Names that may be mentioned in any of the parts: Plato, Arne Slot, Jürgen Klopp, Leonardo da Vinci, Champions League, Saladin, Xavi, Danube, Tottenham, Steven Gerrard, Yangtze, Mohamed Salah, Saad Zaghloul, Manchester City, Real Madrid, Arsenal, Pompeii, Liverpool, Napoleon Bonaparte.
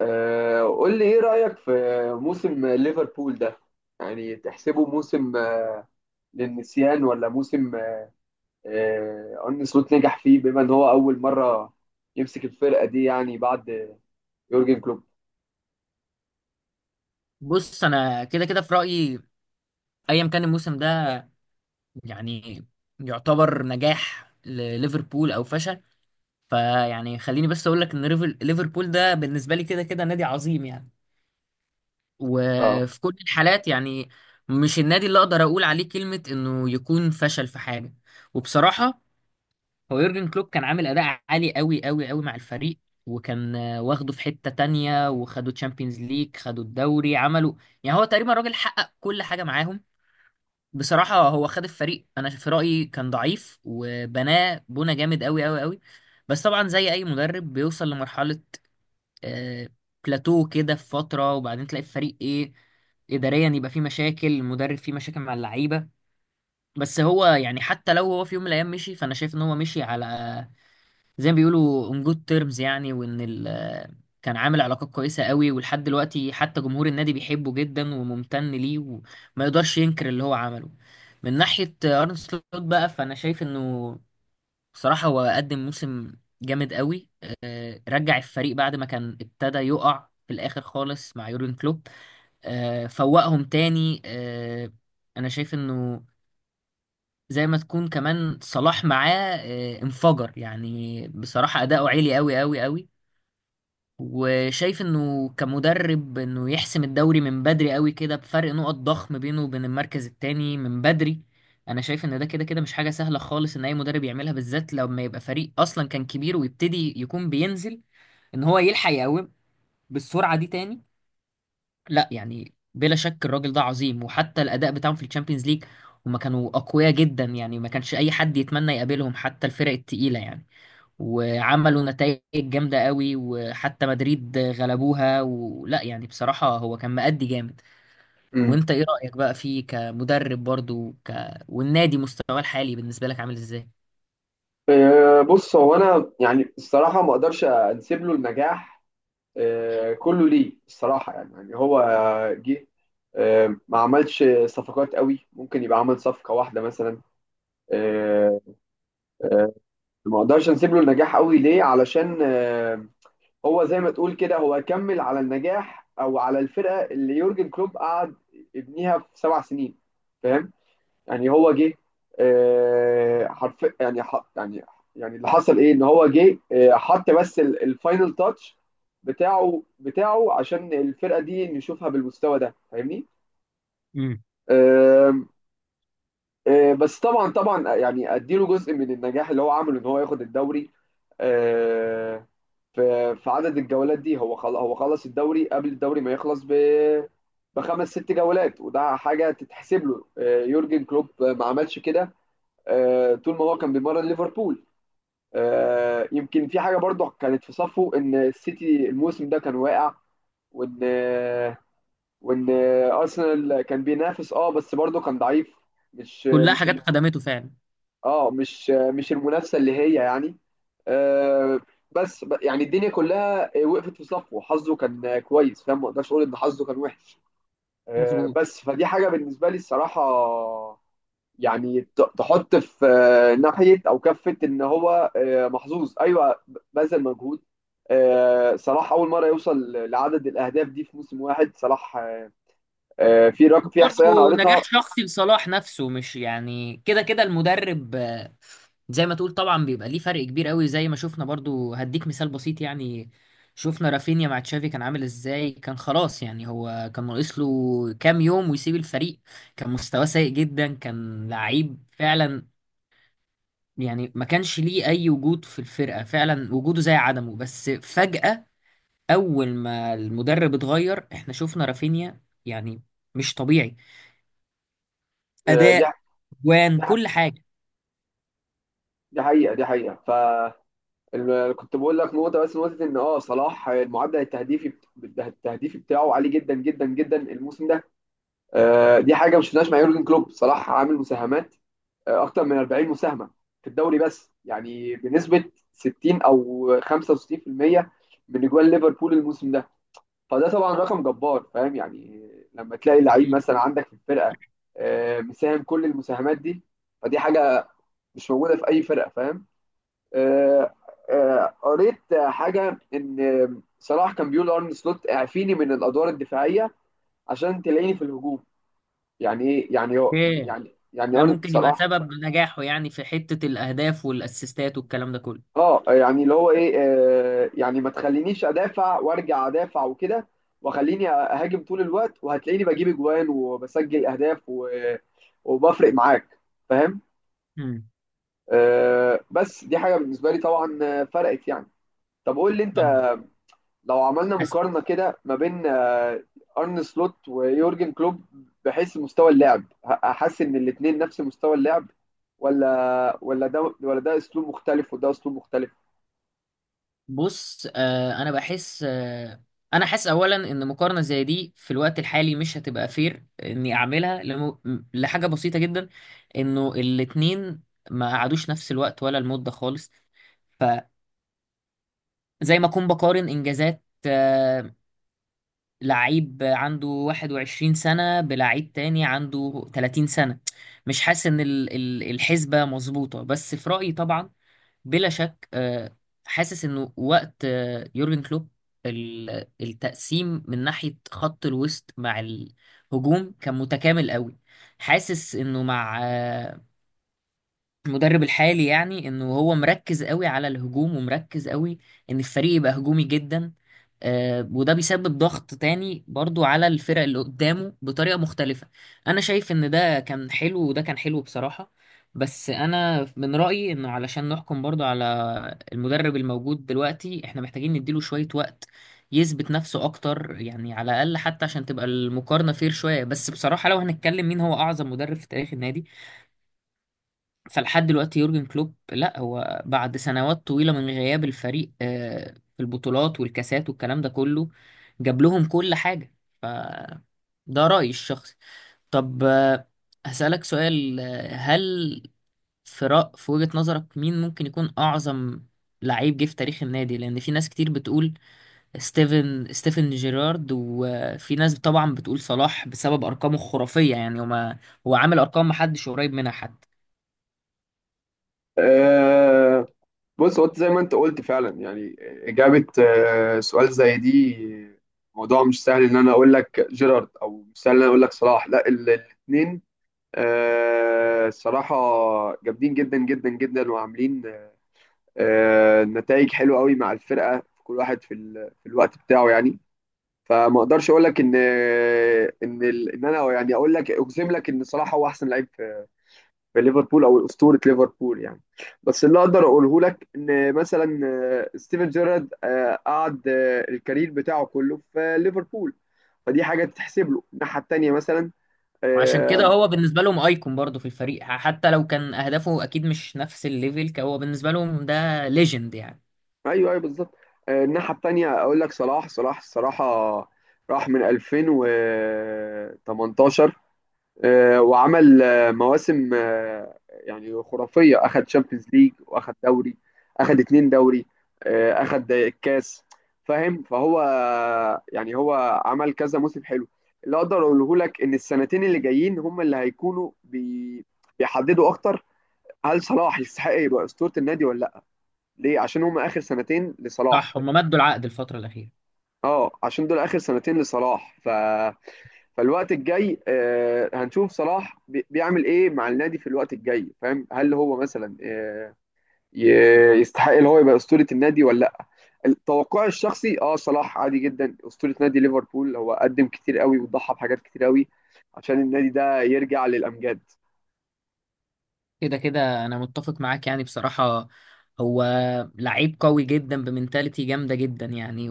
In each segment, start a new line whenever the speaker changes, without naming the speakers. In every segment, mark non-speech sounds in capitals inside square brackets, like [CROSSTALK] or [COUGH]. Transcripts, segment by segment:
قول لي ايه رأيك في موسم ليفربول ده؟ يعني تحسبه موسم للنسيان، ولا موسم ارن سلوت نجح فيه بما ان هو اول مرة يمسك الفرقة دي، يعني بعد يورجن كلوب؟
بص انا كده كده في رايي ايا كان الموسم ده يعني يعتبر نجاح لليفربول او فشل. فيعني خليني بس اقول لك ان ليفربول ده بالنسبه لي كده كده نادي عظيم يعني،
اه،
وفي كل الحالات يعني مش النادي اللي اقدر اقول عليه كلمه انه يكون فشل في حاجه. وبصراحه هو يورجن كلوب كان عامل اداء عالي قوي قوي قوي مع الفريق، وكان واخده في حته تانية، وخدوا تشامبيونز ليج، خدوا الدوري، عملوا يعني هو تقريبا راجل حقق كل حاجه معاهم. بصراحة هو خد الفريق أنا في رأيي كان ضعيف وبناه بنى جامد أوي أوي أوي. بس طبعا زي أي مدرب بيوصل لمرحلة آه، بلاتو كده في فترة، وبعدين تلاقي الفريق إيه، إداريا يبقى فيه مشاكل، المدرب فيه مشاكل مع اللعيبة. بس هو يعني حتى لو هو في يوم من الأيام مشي، فأنا شايف إن هو مشي على زي ما بيقولوا on good terms يعني، وان ال كان عامل علاقات كويسة قوي، ولحد دلوقتي حتى جمهور النادي بيحبه جدا وممتن ليه، وما يقدرش ينكر اللي هو عمله. من ناحية أرن سلوت بقى فأنا شايف إنه بصراحة هو قدم موسم جامد قوي. رجع الفريق بعد ما كان ابتدى يقع في الآخر خالص مع يورجن كلوب، فوقهم تاني. أنا شايف إنه زي ما تكون كمان صلاح معاه انفجر، يعني بصراحة أداؤه عالي قوي قوي قوي. وشايف انه كمدرب انه يحسم الدوري من بدري قوي كده بفرق نقط ضخم بينه وبين المركز التاني من بدري. انا شايف ان ده كده كده مش حاجة سهلة خالص ان اي مدرب يعملها، بالذات لما يبقى فريق اصلا كان كبير ويبتدي يكون بينزل، ان هو يلحق يقوم بالسرعة دي تاني. لا يعني بلا شك الراجل ده عظيم، وحتى الاداء بتاعهم في الشامبيونز ليج هما كانوا اقوياء جدا يعني، ما كانش اي حد يتمنى يقابلهم حتى الفرق التقيله يعني. وعملوا نتائج جامده قوي، وحتى مدريد غلبوها، ولا يعني بصراحه هو كان مأدي جامد.
أمم.
وانت ايه رأيك بقى فيه كمدرب برضو والنادي مستواه الحالي بالنسبه لك عامل ازاي؟
بص، هو انا يعني الصراحة ما اقدرش انسب له النجاح كله ليه، الصراحة. يعني هو جه، ما عملش صفقات قوي، ممكن يبقى عمل صفقة واحدة مثلا. آه، آه، ما اقدرش نسيب له النجاح قوي ليه، علشان هو زي ما تقول كده هو كمل على النجاح او على الفرقه اللي يورجن كلوب قعد يبنيها في سبع سنين، فاهم؟ يعني هو جه آه، حرف يعني ح- يعني يعني اللي حصل ايه، ان هو جه حط بس الفاينل تاتش بتاعه عشان الفرقه دي نشوفها بالمستوى ده، فاهمني؟
امم.
آم، آه، بس طبعا يعني اديله جزء من النجاح اللي هو عمله، ان هو ياخد الدوري آه، في عدد الجولات دي. هو هو خلص الدوري قبل الدوري ما يخلص بخمس ست جولات، وده حاجه تتحسب له. يورجن كلوب ما عملش كده طول ما هو كان بيمرن ليفربول. يمكن في حاجه برضه كانت في صفه، ان السيتي الموسم ده كان واقع، وان وان ارسنال كان بينافس اه بس برضه كان ضعيف، مش
كلها
مش
حاجات خدمته فعلا.
اه، مش المنافسه اللي هي يعني آه بس يعني الدنيا كلها وقفت في صفه، حظه كان كويس، فاهم؟ ما اقدرش اقول ان حظه كان وحش
مظبوط.
بس فدي حاجه بالنسبه لي الصراحه. يعني تحط في ناحيه او كفه ان هو محظوظ، ايوه، بذل مجهود. آه صلاح اول مره يوصل لعدد الاهداف دي في موسم واحد، صلاح في رقم، في احصائيه انا
برضه نجاح
قريتها.
شخصي لصلاح نفسه، مش يعني كده كده المدرب. زي ما تقول طبعا بيبقى ليه فرق كبير قوي، زي ما شفنا برضه. هديك مثال بسيط يعني، شفنا رافينيا مع تشافي كان عامل ازاي، كان خلاص يعني، هو كان ناقص له كام يوم ويسيب الفريق، كان مستواه سيء جدا، كان لعيب فعلا يعني، ما كانش ليه اي وجود في الفرقة فعلا، وجوده زي عدمه. بس فجأة اول ما المدرب اتغير احنا شفنا رافينيا يعني مش طبيعي،
آه دي
اداء جوان
دي
كل حاجه.
دي حقيقه، حقيقه. ف كنت بقول لك نقطة، بس نقطة، إن أه صلاح المعدل التهديفي التهديفي بتاعه عالي جدا جدا جدا الموسم ده. دي حاجة ما شفناهاش مع يورجن كلوب. صلاح عامل مساهمات أكتر من 40 مساهمة في الدوري بس، يعني بنسبة 60 أو 65% من أجوان ليفربول الموسم ده. فده طبعا رقم جبار، فاهم يعني؟ لما تلاقي لعيب
اكيد.
مثلا عندك في الفرقة مساهم كل المساهمات دي، فدي حاجة مش موجودة في أي فرقة، فاهم؟ آه، قريت حاجه ان صلاح كان بيقول لارن سلوت اعفيني من الادوار الدفاعيه عشان تلاقيني في الهجوم. يعني ايه يعني، هو
ايه
يعني
ده؟
ارن
ممكن يبقى
صلاح
سبب نجاحه يعني في حته الاهداف والاسيستات والكلام ده كله.
اه يعني اللي هو ايه، يعني ما تخلينيش ادافع وارجع ادافع وكده، وخليني اهاجم طول الوقت وهتلاقيني بجيب اجوان وبسجل اهداف و... وبفرق معاك، فاهم؟
امم.
بس دي حاجه بالنسبه لي طبعا فرقت يعني. طب قول لي انت،
طب
لو عملنا
بس-
مقارنه كده ما بين ارن سلوت ويورجن كلوب، بحيث مستوى اللعب هحس ان الاثنين نفس مستوى اللعب، ولا ده ولا ده اسلوب مختلف وده اسلوب مختلف؟
بص انا بحس. انا حاسس اولا ان مقارنه زي دي في الوقت الحالي مش هتبقى فير اني اعملها لم... لحاجه بسيطه جدا، انه الاتنين ما قعدوش نفس الوقت ولا المده خالص. فزي ما اكون بقارن انجازات لعيب عنده 21 سنة بلعيب تاني عنده 30 سنة، مش حاسس ان الحسبة مظبوطة، بس في رأيي طبعا. بلا شك حاسس انه وقت يورجن كلوب التقسيم من ناحية خط الوسط مع الهجوم كان متكامل قوي. حاسس انه مع المدرب الحالي يعني انه هو مركز قوي على الهجوم، ومركز قوي ان الفريق يبقى هجومي جدا. وده بيسبب ضغط تاني برضو على الفرق اللي قدامه بطريقة مختلفة. انا شايف ان ده كان حلو وده كان حلو بصراحة. بس انا من رأيي انه علشان نحكم برضو على المدرب الموجود دلوقتي احنا محتاجين نديله شوية وقت يثبت نفسه اكتر، يعني على الاقل حتى عشان تبقى المقارنة فير شوية. بس بصراحة لو هنتكلم مين هو اعظم مدرب في تاريخ النادي، فلحد دلوقتي يورجن كلوب، لا هو بعد سنوات طويلة من غياب الفريق في البطولات والكاسات والكلام ده كله جاب لهم كل حاجة. ف ده رأيي الشخصي. طب هسألك سؤال. هل في في وجهة نظرك مين ممكن يكون أعظم لعيب جه في تاريخ النادي؟ لأن في ناس كتير بتقول ستيفن جيرارد، وفي ناس طبعا بتقول صلاح بسبب أرقامه الخرافية، يعني هو ما... هو عامل أرقام محدش قريب منها حتى.
أه، بص، هو زي ما انت قلت فعلا يعني اجابه أه سؤال زي دي موضوع مش سهل. ان انا اقول لك جيرارد او مش سهل ان انا اقول لك صلاح، لا الاثنين أه صراحه جامدين جدا جدا جدا، وعاملين نتائج حلوه قوي مع الفرقه، كل واحد في في الوقت بتاعه يعني. فما اقدرش اقول لك ان ان انا يعني اقول لك اجزم لك ان صلاح هو احسن لعيب في... في ليفربول او اسطوره ليفربول يعني. بس اللي اقدر اقوله لك ان مثلا ستيفن جيرارد قعد الكارير بتاعه كله في ليفربول، فدي حاجه تتحسب له الناحيه التانيه مثلا.
وعشان كده
آه،
هو بالنسبة لهم ايكون برضه في الفريق، حتى لو كان اهدافه اكيد مش نفس الليفل، هو بالنسبة لهم ده ليجند يعني.
ايوه ايوه بالظبط. الناحيه التانيه اقول لك صلاح. صلاح الصراحه راح من 2018 وعمل مواسم يعني خرافيه. اخد شامبيونز ليج، واخد دوري، اخد اتنين دوري اخد الكاس، فاهم؟ فهو يعني هو عمل كذا موسم حلو. اللي اقدر اقوله لك ان السنتين اللي جايين هم اللي هيكونوا بيحددوا اكتر هل صلاح يستحق يبقى اسطوره النادي ولا لا، ليه؟ عشان هم اخر سنتين
صح،
لصلاح.
هم مدوا العقد الفترة الأخيرة.
اه، عشان دول اخر سنتين لصلاح. ف... فالوقت الجاي آه هنشوف صلاح بيعمل ايه مع النادي في الوقت الجاي، فاهم؟ هل هو مثلا آه يستحق ان هو يبقى اسطوره النادي ولا لا؟ توقعي الشخصي اه صلاح عادي جدا اسطوره نادي ليفربول. هو قدم كتير قوي، وضحى بحاجات كتير قوي عشان النادي ده يرجع للامجاد.
كده كده انا متفق معاك يعني بصراحة. هو لعيب قوي جدا بمنتاليتي جامدة جدا يعني،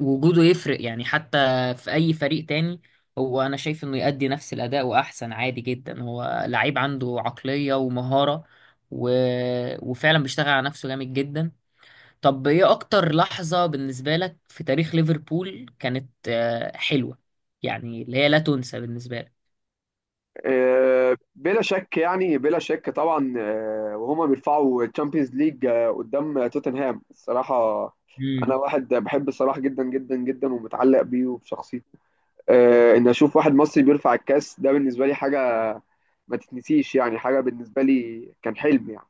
ووجوده [CLEARS THROAT] يفرق يعني حتى في اي فريق تاني، هو انا شايف انه يؤدي نفس الاداء واحسن عادي جدا. هو لعيب عنده عقلية ومهارة و... وفعلا بيشتغل على نفسه جامد جدا. طب ايه اكتر لحظة بالنسبة لك في تاريخ ليفربول كانت حلوة يعني اللي هي لا تنسى بالنسبة
بلا شك يعني، بلا شك طبعا، وهما بيرفعوا تشامبيونز ليج قدام توتنهام الصراحة
لك؟
أنا واحد بحب صلاح جدا جدا جدا، ومتعلق بيه وبشخصيته. إن أشوف واحد مصري بيرفع الكاس ده بالنسبة لي حاجة ما تتنسيش يعني، حاجة بالنسبة لي كان حلم يعني.